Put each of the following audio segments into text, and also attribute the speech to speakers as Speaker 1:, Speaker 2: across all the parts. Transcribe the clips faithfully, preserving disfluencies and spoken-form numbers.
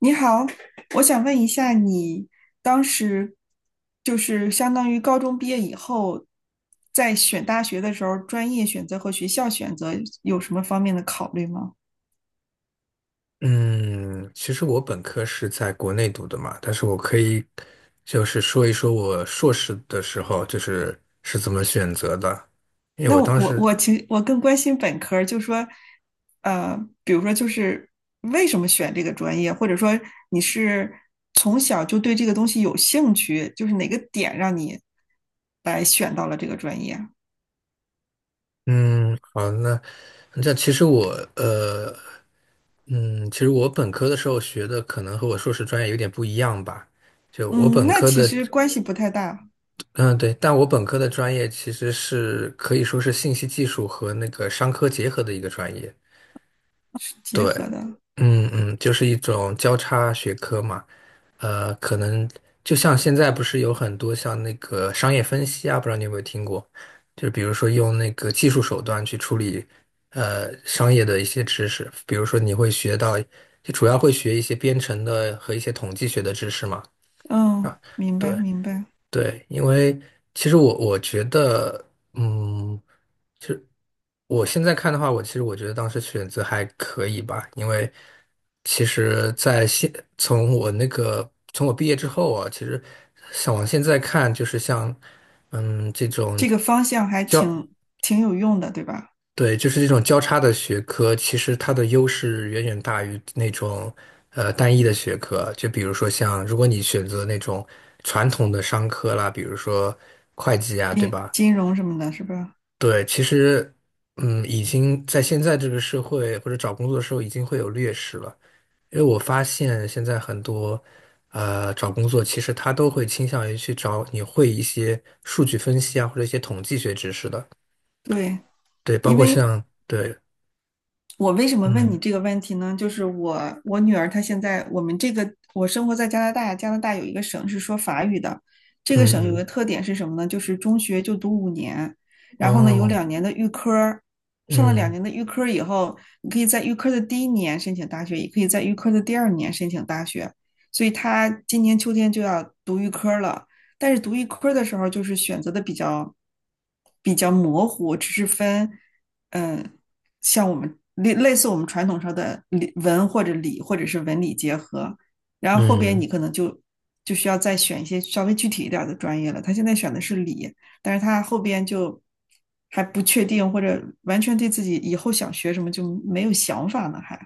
Speaker 1: 你好，我想问一下，你当时就是相当于高中毕业以后，在选大学的时候，专业选择和学校选择有什么方面的考虑吗？
Speaker 2: 嗯，其实我本科是在国内读的嘛，但是我可以就是说一说我硕士的时候就是是怎么选择的，因为
Speaker 1: 那
Speaker 2: 我
Speaker 1: 我
Speaker 2: 当
Speaker 1: 我
Speaker 2: 时，
Speaker 1: 我其实我更关心本科儿，就说，呃，比如说就是为什么选这个专业，或者说你是从小就对这个东西有兴趣，就是哪个点让你来选到了这个专业？
Speaker 2: 嗯，好，那那其实我呃，嗯，其实我本科的时候学的可能和我硕士专业有点不一样吧，就我
Speaker 1: 嗯，
Speaker 2: 本
Speaker 1: 那
Speaker 2: 科
Speaker 1: 其
Speaker 2: 的，
Speaker 1: 实关系不太大，
Speaker 2: 嗯，对，但我本科的专业其实是可以说是信息技术和那个商科结合的一个专业。
Speaker 1: 是
Speaker 2: 对，
Speaker 1: 结合的。
Speaker 2: 嗯嗯，就是一种交叉学科嘛，呃，可能就像现在不是有很多像那个商业分析啊，不知道你有没有听过，就是比如说用那个技术手段去处理呃商业的一些知识，比如说你会学到，就主要会学一些编程的和一些统计学的知识嘛，
Speaker 1: 嗯，
Speaker 2: 啊，
Speaker 1: 明白
Speaker 2: 对
Speaker 1: 明白，
Speaker 2: 对，因为其实我我觉得，嗯。我现在看的话，我其实我觉得当时选择还可以吧，因为其实在现从我那个从我毕业之后啊，其实想往现在看，就是像嗯这种
Speaker 1: 这个方向还
Speaker 2: 交
Speaker 1: 挺挺有用的，对吧？
Speaker 2: 对，就是这种交叉的学科，其实它的优势远远大于那种呃单一的学科。就比如说像如果你选择那种传统的商科啦，比如说会计啊，对
Speaker 1: 金
Speaker 2: 吧？
Speaker 1: 金融什么的，是吧？
Speaker 2: 对，其实，嗯，已经在现在这个社会或者找工作的时候，已经会有劣势了。因为我发现现在很多，呃，找工作其实他都会倾向于去找你会一些数据分析啊，或者一些统计学知识的。
Speaker 1: 对，
Speaker 2: 对，包
Speaker 1: 因
Speaker 2: 括
Speaker 1: 为
Speaker 2: 像，对，
Speaker 1: 我为什么问你
Speaker 2: 嗯
Speaker 1: 这个问题呢？就是我我女儿她现在我们这个我生活在加拿大，加拿大有一个省是说法语的，这个
Speaker 2: 嗯
Speaker 1: 省有
Speaker 2: 嗯，
Speaker 1: 个特点是什么呢？就是中学就读五年，然后呢有
Speaker 2: 哦，
Speaker 1: 两年的预科，上了两
Speaker 2: 嗯
Speaker 1: 年的预科以后，你可以在预科的第一年申请大学，也可以在预科的第二年申请大学，所以她今年秋天就要读预科了。但是读预科的时候，就是选择的比较比较模糊，只是分，嗯，像我们类类似我们传统上的理文或者理或者是文理结合，然后后边你
Speaker 2: 嗯
Speaker 1: 可能就就需要再选一些稍微具体一点的专业了。他现在选的是理，但是他后边就还不确定，或者完全对自己以后想学什么就没有想法呢，还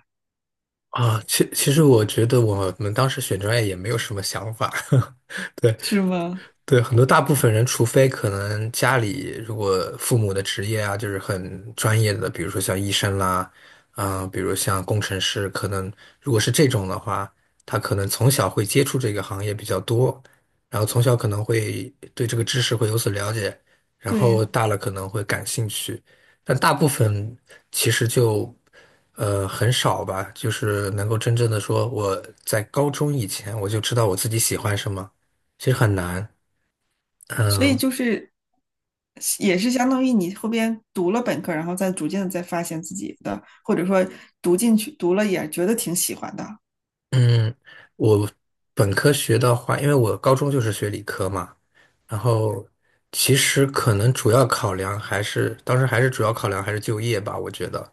Speaker 2: 啊，其其实我觉得我们当时选专业也没有什么想法，对。
Speaker 1: 是吗？
Speaker 2: 对，很多大部分人，除非可能家里如果父母的职业啊，就是很专业的，比如说像医生啦，嗯、比如像工程师，可能如果是这种的话，他可能从小会接触这个行业比较多，然后从小可能会对这个知识会有所了解，然
Speaker 1: 对，
Speaker 2: 后大了可能会感兴趣，但大部分其实就呃很少吧，就是能够真正的说我在高中以前我就知道我自己喜欢什么，其实很难。
Speaker 1: 所以
Speaker 2: 嗯
Speaker 1: 就是也是相当于你后边读了本科，然后再逐渐的再发现自己的，或者说读进去读了也觉得挺喜欢的。
Speaker 2: 嗯，我本科学的话，因为我高中就是学理科嘛，然后其实可能主要考量还是当时还是主要考量还是就业吧，我觉得，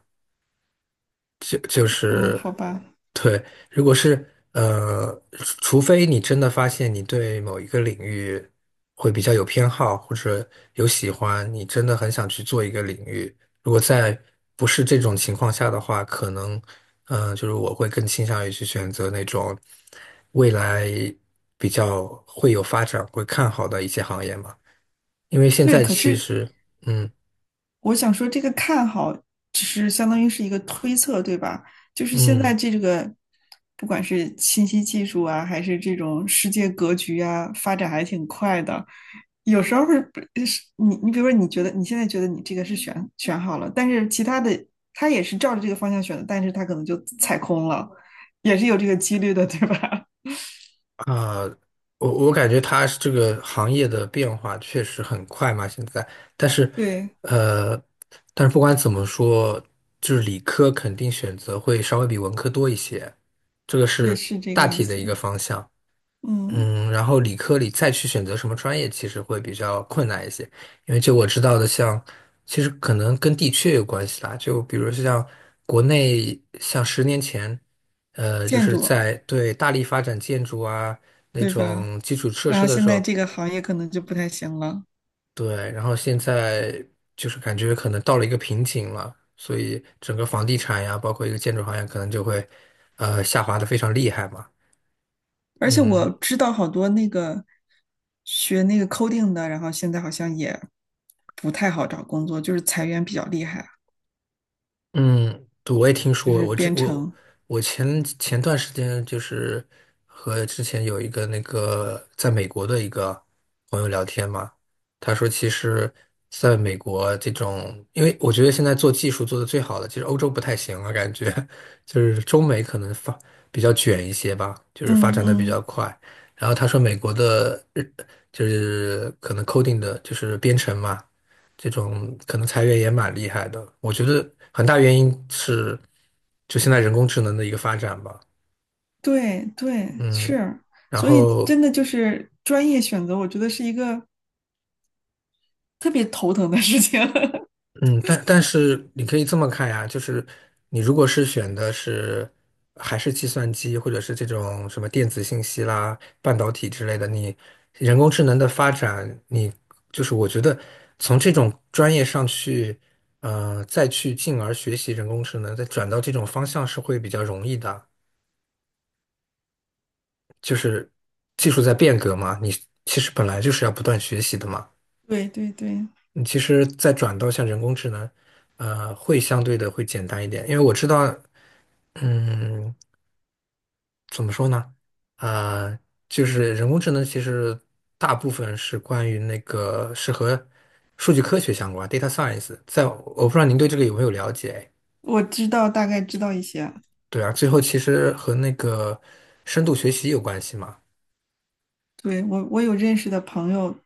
Speaker 2: 就就
Speaker 1: 嗯，
Speaker 2: 是，
Speaker 1: 好吧，
Speaker 2: 对，如果是呃，除除非你真的发现你对某一个领域会比较有偏好，或者有喜欢，你真的很想去做一个领域。如果在不是这种情况下的话，可能嗯、呃就是我会更倾向于去选择那种未来比较会有发展、会看好的一些行业嘛。因为现
Speaker 1: 对，
Speaker 2: 在
Speaker 1: 可
Speaker 2: 其
Speaker 1: 是
Speaker 2: 实，嗯
Speaker 1: 我想说，这个看好只是相当于是一个推测，对吧？就是现在
Speaker 2: 嗯。
Speaker 1: 这个，不管是信息技术啊，还是这种世界格局啊，发展还挺快的。有时候是是你，你比如说，你觉得你现在觉得你这个是选选好了，但是其他的他也是照着这个方向选的，但是他可能就踩空了，也是有这个几率的，对吧？
Speaker 2: 啊，我我感觉它是这个行业的变化确实很快嘛，现在，但是，
Speaker 1: 对
Speaker 2: 呃，但是不管怎么说，就是理科肯定选择会稍微比文科多一些，这个
Speaker 1: 对，
Speaker 2: 是
Speaker 1: 是这
Speaker 2: 大
Speaker 1: 个意
Speaker 2: 体的
Speaker 1: 思。
Speaker 2: 一个方向。
Speaker 1: 嗯，
Speaker 2: 嗯，然后理科里再去选择什么专业，其实会比较困难一些，因为就我知道的像，其实可能跟地区也有关系啦。就比如像国内，像十年前，呃，就
Speaker 1: 建
Speaker 2: 是
Speaker 1: 筑，
Speaker 2: 在对大力发展建筑啊那
Speaker 1: 对吧？
Speaker 2: 种基础设
Speaker 1: 然
Speaker 2: 施
Speaker 1: 后
Speaker 2: 的
Speaker 1: 现
Speaker 2: 时
Speaker 1: 在
Speaker 2: 候，
Speaker 1: 这个行业可能就不太行了。
Speaker 2: 对，然后现在就是感觉可能到了一个瓶颈了，所以整个房地产呀，包括一个建筑行业，可能就会呃下滑的非常厉害嘛。
Speaker 1: 而且我
Speaker 2: 嗯。
Speaker 1: 知道好多那个学那个 coding 的，然后现在好像也不太好找工作，就是裁员比较厉害啊，
Speaker 2: 嗯，对，我也听
Speaker 1: 就
Speaker 2: 说过，
Speaker 1: 是
Speaker 2: 我这
Speaker 1: 编
Speaker 2: 我
Speaker 1: 程。
Speaker 2: 我前前段时间就是和之前有一个那个在美国的一个朋友聊天嘛，他说其实在美国这种，因为我觉得现在做技术做的最好的，其实欧洲不太行了，感觉 就是中美可能发比较卷一些吧，就是发
Speaker 1: 嗯
Speaker 2: 展的比较
Speaker 1: 嗯，
Speaker 2: 快。然后他说美国的日就是可能 coding 的就是编程嘛。这种可能裁员也蛮厉害的。我觉得很大原因是就现在人工智能的一个发展吧，
Speaker 1: 对对，
Speaker 2: 嗯，
Speaker 1: 是，
Speaker 2: 然
Speaker 1: 所以
Speaker 2: 后
Speaker 1: 真的就是专业选择，我觉得是一个特别头疼的事情。
Speaker 2: 嗯，但但是你可以这么看呀，就是你如果是选的是还是计算机或者是这种什么电子信息啦、半导体之类的，你人工智能的发展，你就是我觉得从这种专业上去。呃，再去进而学习人工智能，再转到这种方向是会比较容易的。就是技术在变革嘛，你其实本来就是要不断学习的嘛。
Speaker 1: 对对对，
Speaker 2: 你其实再转到像人工智能，呃，会相对的会简单一点，因为我知道，嗯，怎么说呢？呃，就是人工智能其实大部分是关于那个是和数据科学相关，data science。在我不知道您对这个有没有了解？
Speaker 1: 我知道，大概知道一些。
Speaker 2: 对啊，最后其实和那个深度学习有关系嘛。
Speaker 1: 对，我我有认识的朋友，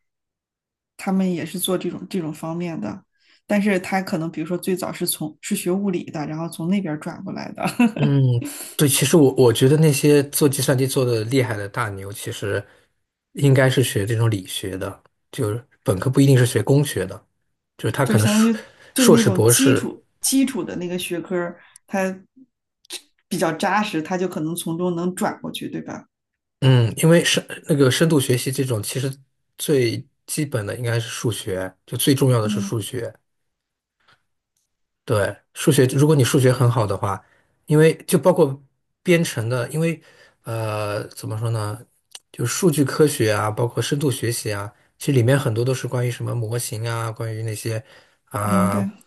Speaker 1: 他们也是做这种这种方面的，但是他可能比如说最早是从是学物理的，然后从那边儿转过来的，
Speaker 2: 嗯，对，其实我我觉得那些做计算机做的厉害的大牛，其实应该是学这种理学的，就是本科不一定是学工学的，就是他
Speaker 1: 就
Speaker 2: 可
Speaker 1: 是
Speaker 2: 能
Speaker 1: 相当
Speaker 2: 硕
Speaker 1: 于对
Speaker 2: 硕
Speaker 1: 那
Speaker 2: 士、
Speaker 1: 种
Speaker 2: 博
Speaker 1: 基
Speaker 2: 士，
Speaker 1: 础基础的那个学科儿他比较扎实，他就可能从中能转过去，对吧？
Speaker 2: 嗯，因为深那个深度学习这种，其实最基本的应该是数学，就最重要的是
Speaker 1: 嗯，
Speaker 2: 数学。对，数学，如果你数学很好的话，因为就包括编程的，因为呃，怎么说呢，就数据科学啊，包括深度学习啊，其实里面很多都是关于什么模型啊，关于那些
Speaker 1: 明
Speaker 2: 啊、
Speaker 1: 白。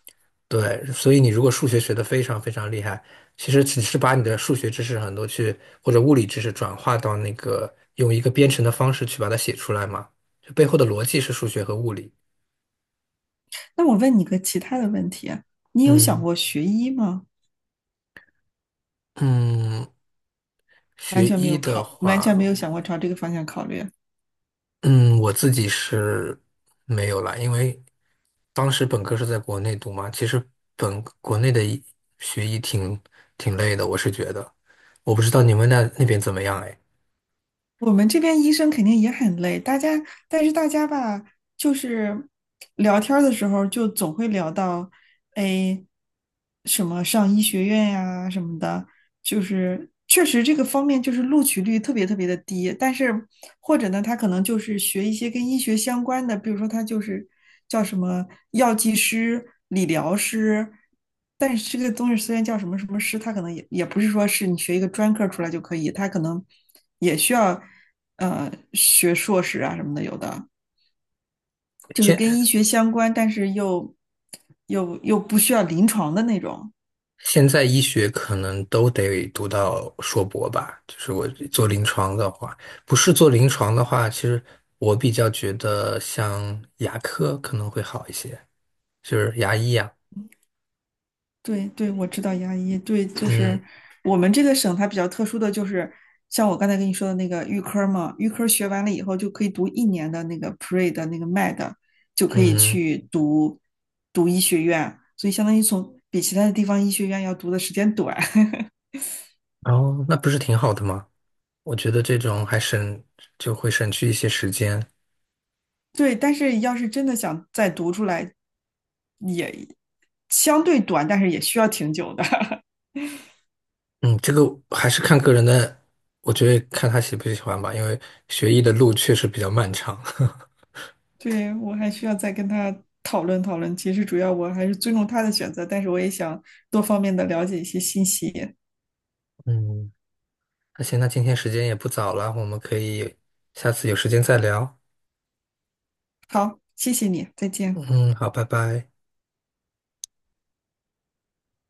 Speaker 2: 对，所以你如果数学学得非常非常厉害，其实只是把你的数学知识很多去或者物理知识转化到那个用一个编程的方式去把它写出来嘛，就背后的逻辑是数学和物理。
Speaker 1: 那我问你个其他的问题啊，你有想
Speaker 2: 嗯
Speaker 1: 过学医吗？
Speaker 2: 嗯，
Speaker 1: 完
Speaker 2: 学
Speaker 1: 全没
Speaker 2: 医
Speaker 1: 有
Speaker 2: 的
Speaker 1: 考，完
Speaker 2: 话。
Speaker 1: 全没有想过朝这个方向考虑。
Speaker 2: 嗯，我自己是没有啦，因为当时本科是在国内读嘛，其实本国内的一学医挺挺累的，我是觉得，我不知道你们那那边怎么样哎。
Speaker 1: 我们这边医生肯定也很累，大家，但是大家吧，就是聊天儿的时候就总会聊到，哎，什么上医学院呀、什么的，就是确实这个方面就是录取率特别特别的低，但是或者呢，他可能就是学一些跟医学相关的，比如说他就是叫什么药剂师、理疗师，但是这个东西虽然叫什么什么师，他可能也也不是说是你学一个专科出来就可以，他可能也需要呃学硕士啊什么的，有的就是跟医
Speaker 2: 现
Speaker 1: 学相关，但是又又又不需要临床的那种。
Speaker 2: 现在医学可能都得读到硕博吧，就是我做临床的话，不是做临床的话，其实我比较觉得像牙科可能会好一些，就是牙医呀、
Speaker 1: 对对，我知道牙医，对，就是
Speaker 2: 嗯
Speaker 1: 我们这个省它比较特殊的就是，像我刚才跟你说的那个预科嘛，预科学完了以后就可以读一年的那个 P R E 的那个 M E D，就可以
Speaker 2: 嗯，
Speaker 1: 去读读医学院，所以相当于从比其他的地方医学院要读的时间短。
Speaker 2: 哦那不是挺好的吗？我觉得这种还省，就会省去一些时间。
Speaker 1: 对，但是要是真的想再读出来，相对短，但是也需要挺久的。
Speaker 2: 嗯，这个还是看个人的，我觉得看他喜不喜欢吧，因为学医的路确实比较漫长。
Speaker 1: 对，我还需要再跟他讨论讨论。其实主要我还是尊重他的选择，但是我也想多方面的了解一些信息。
Speaker 2: 嗯，那行，那今天时间也不早了，我们可以下次有时间再聊。
Speaker 1: 好，谢谢你，再见。
Speaker 2: 嗯，好，拜拜。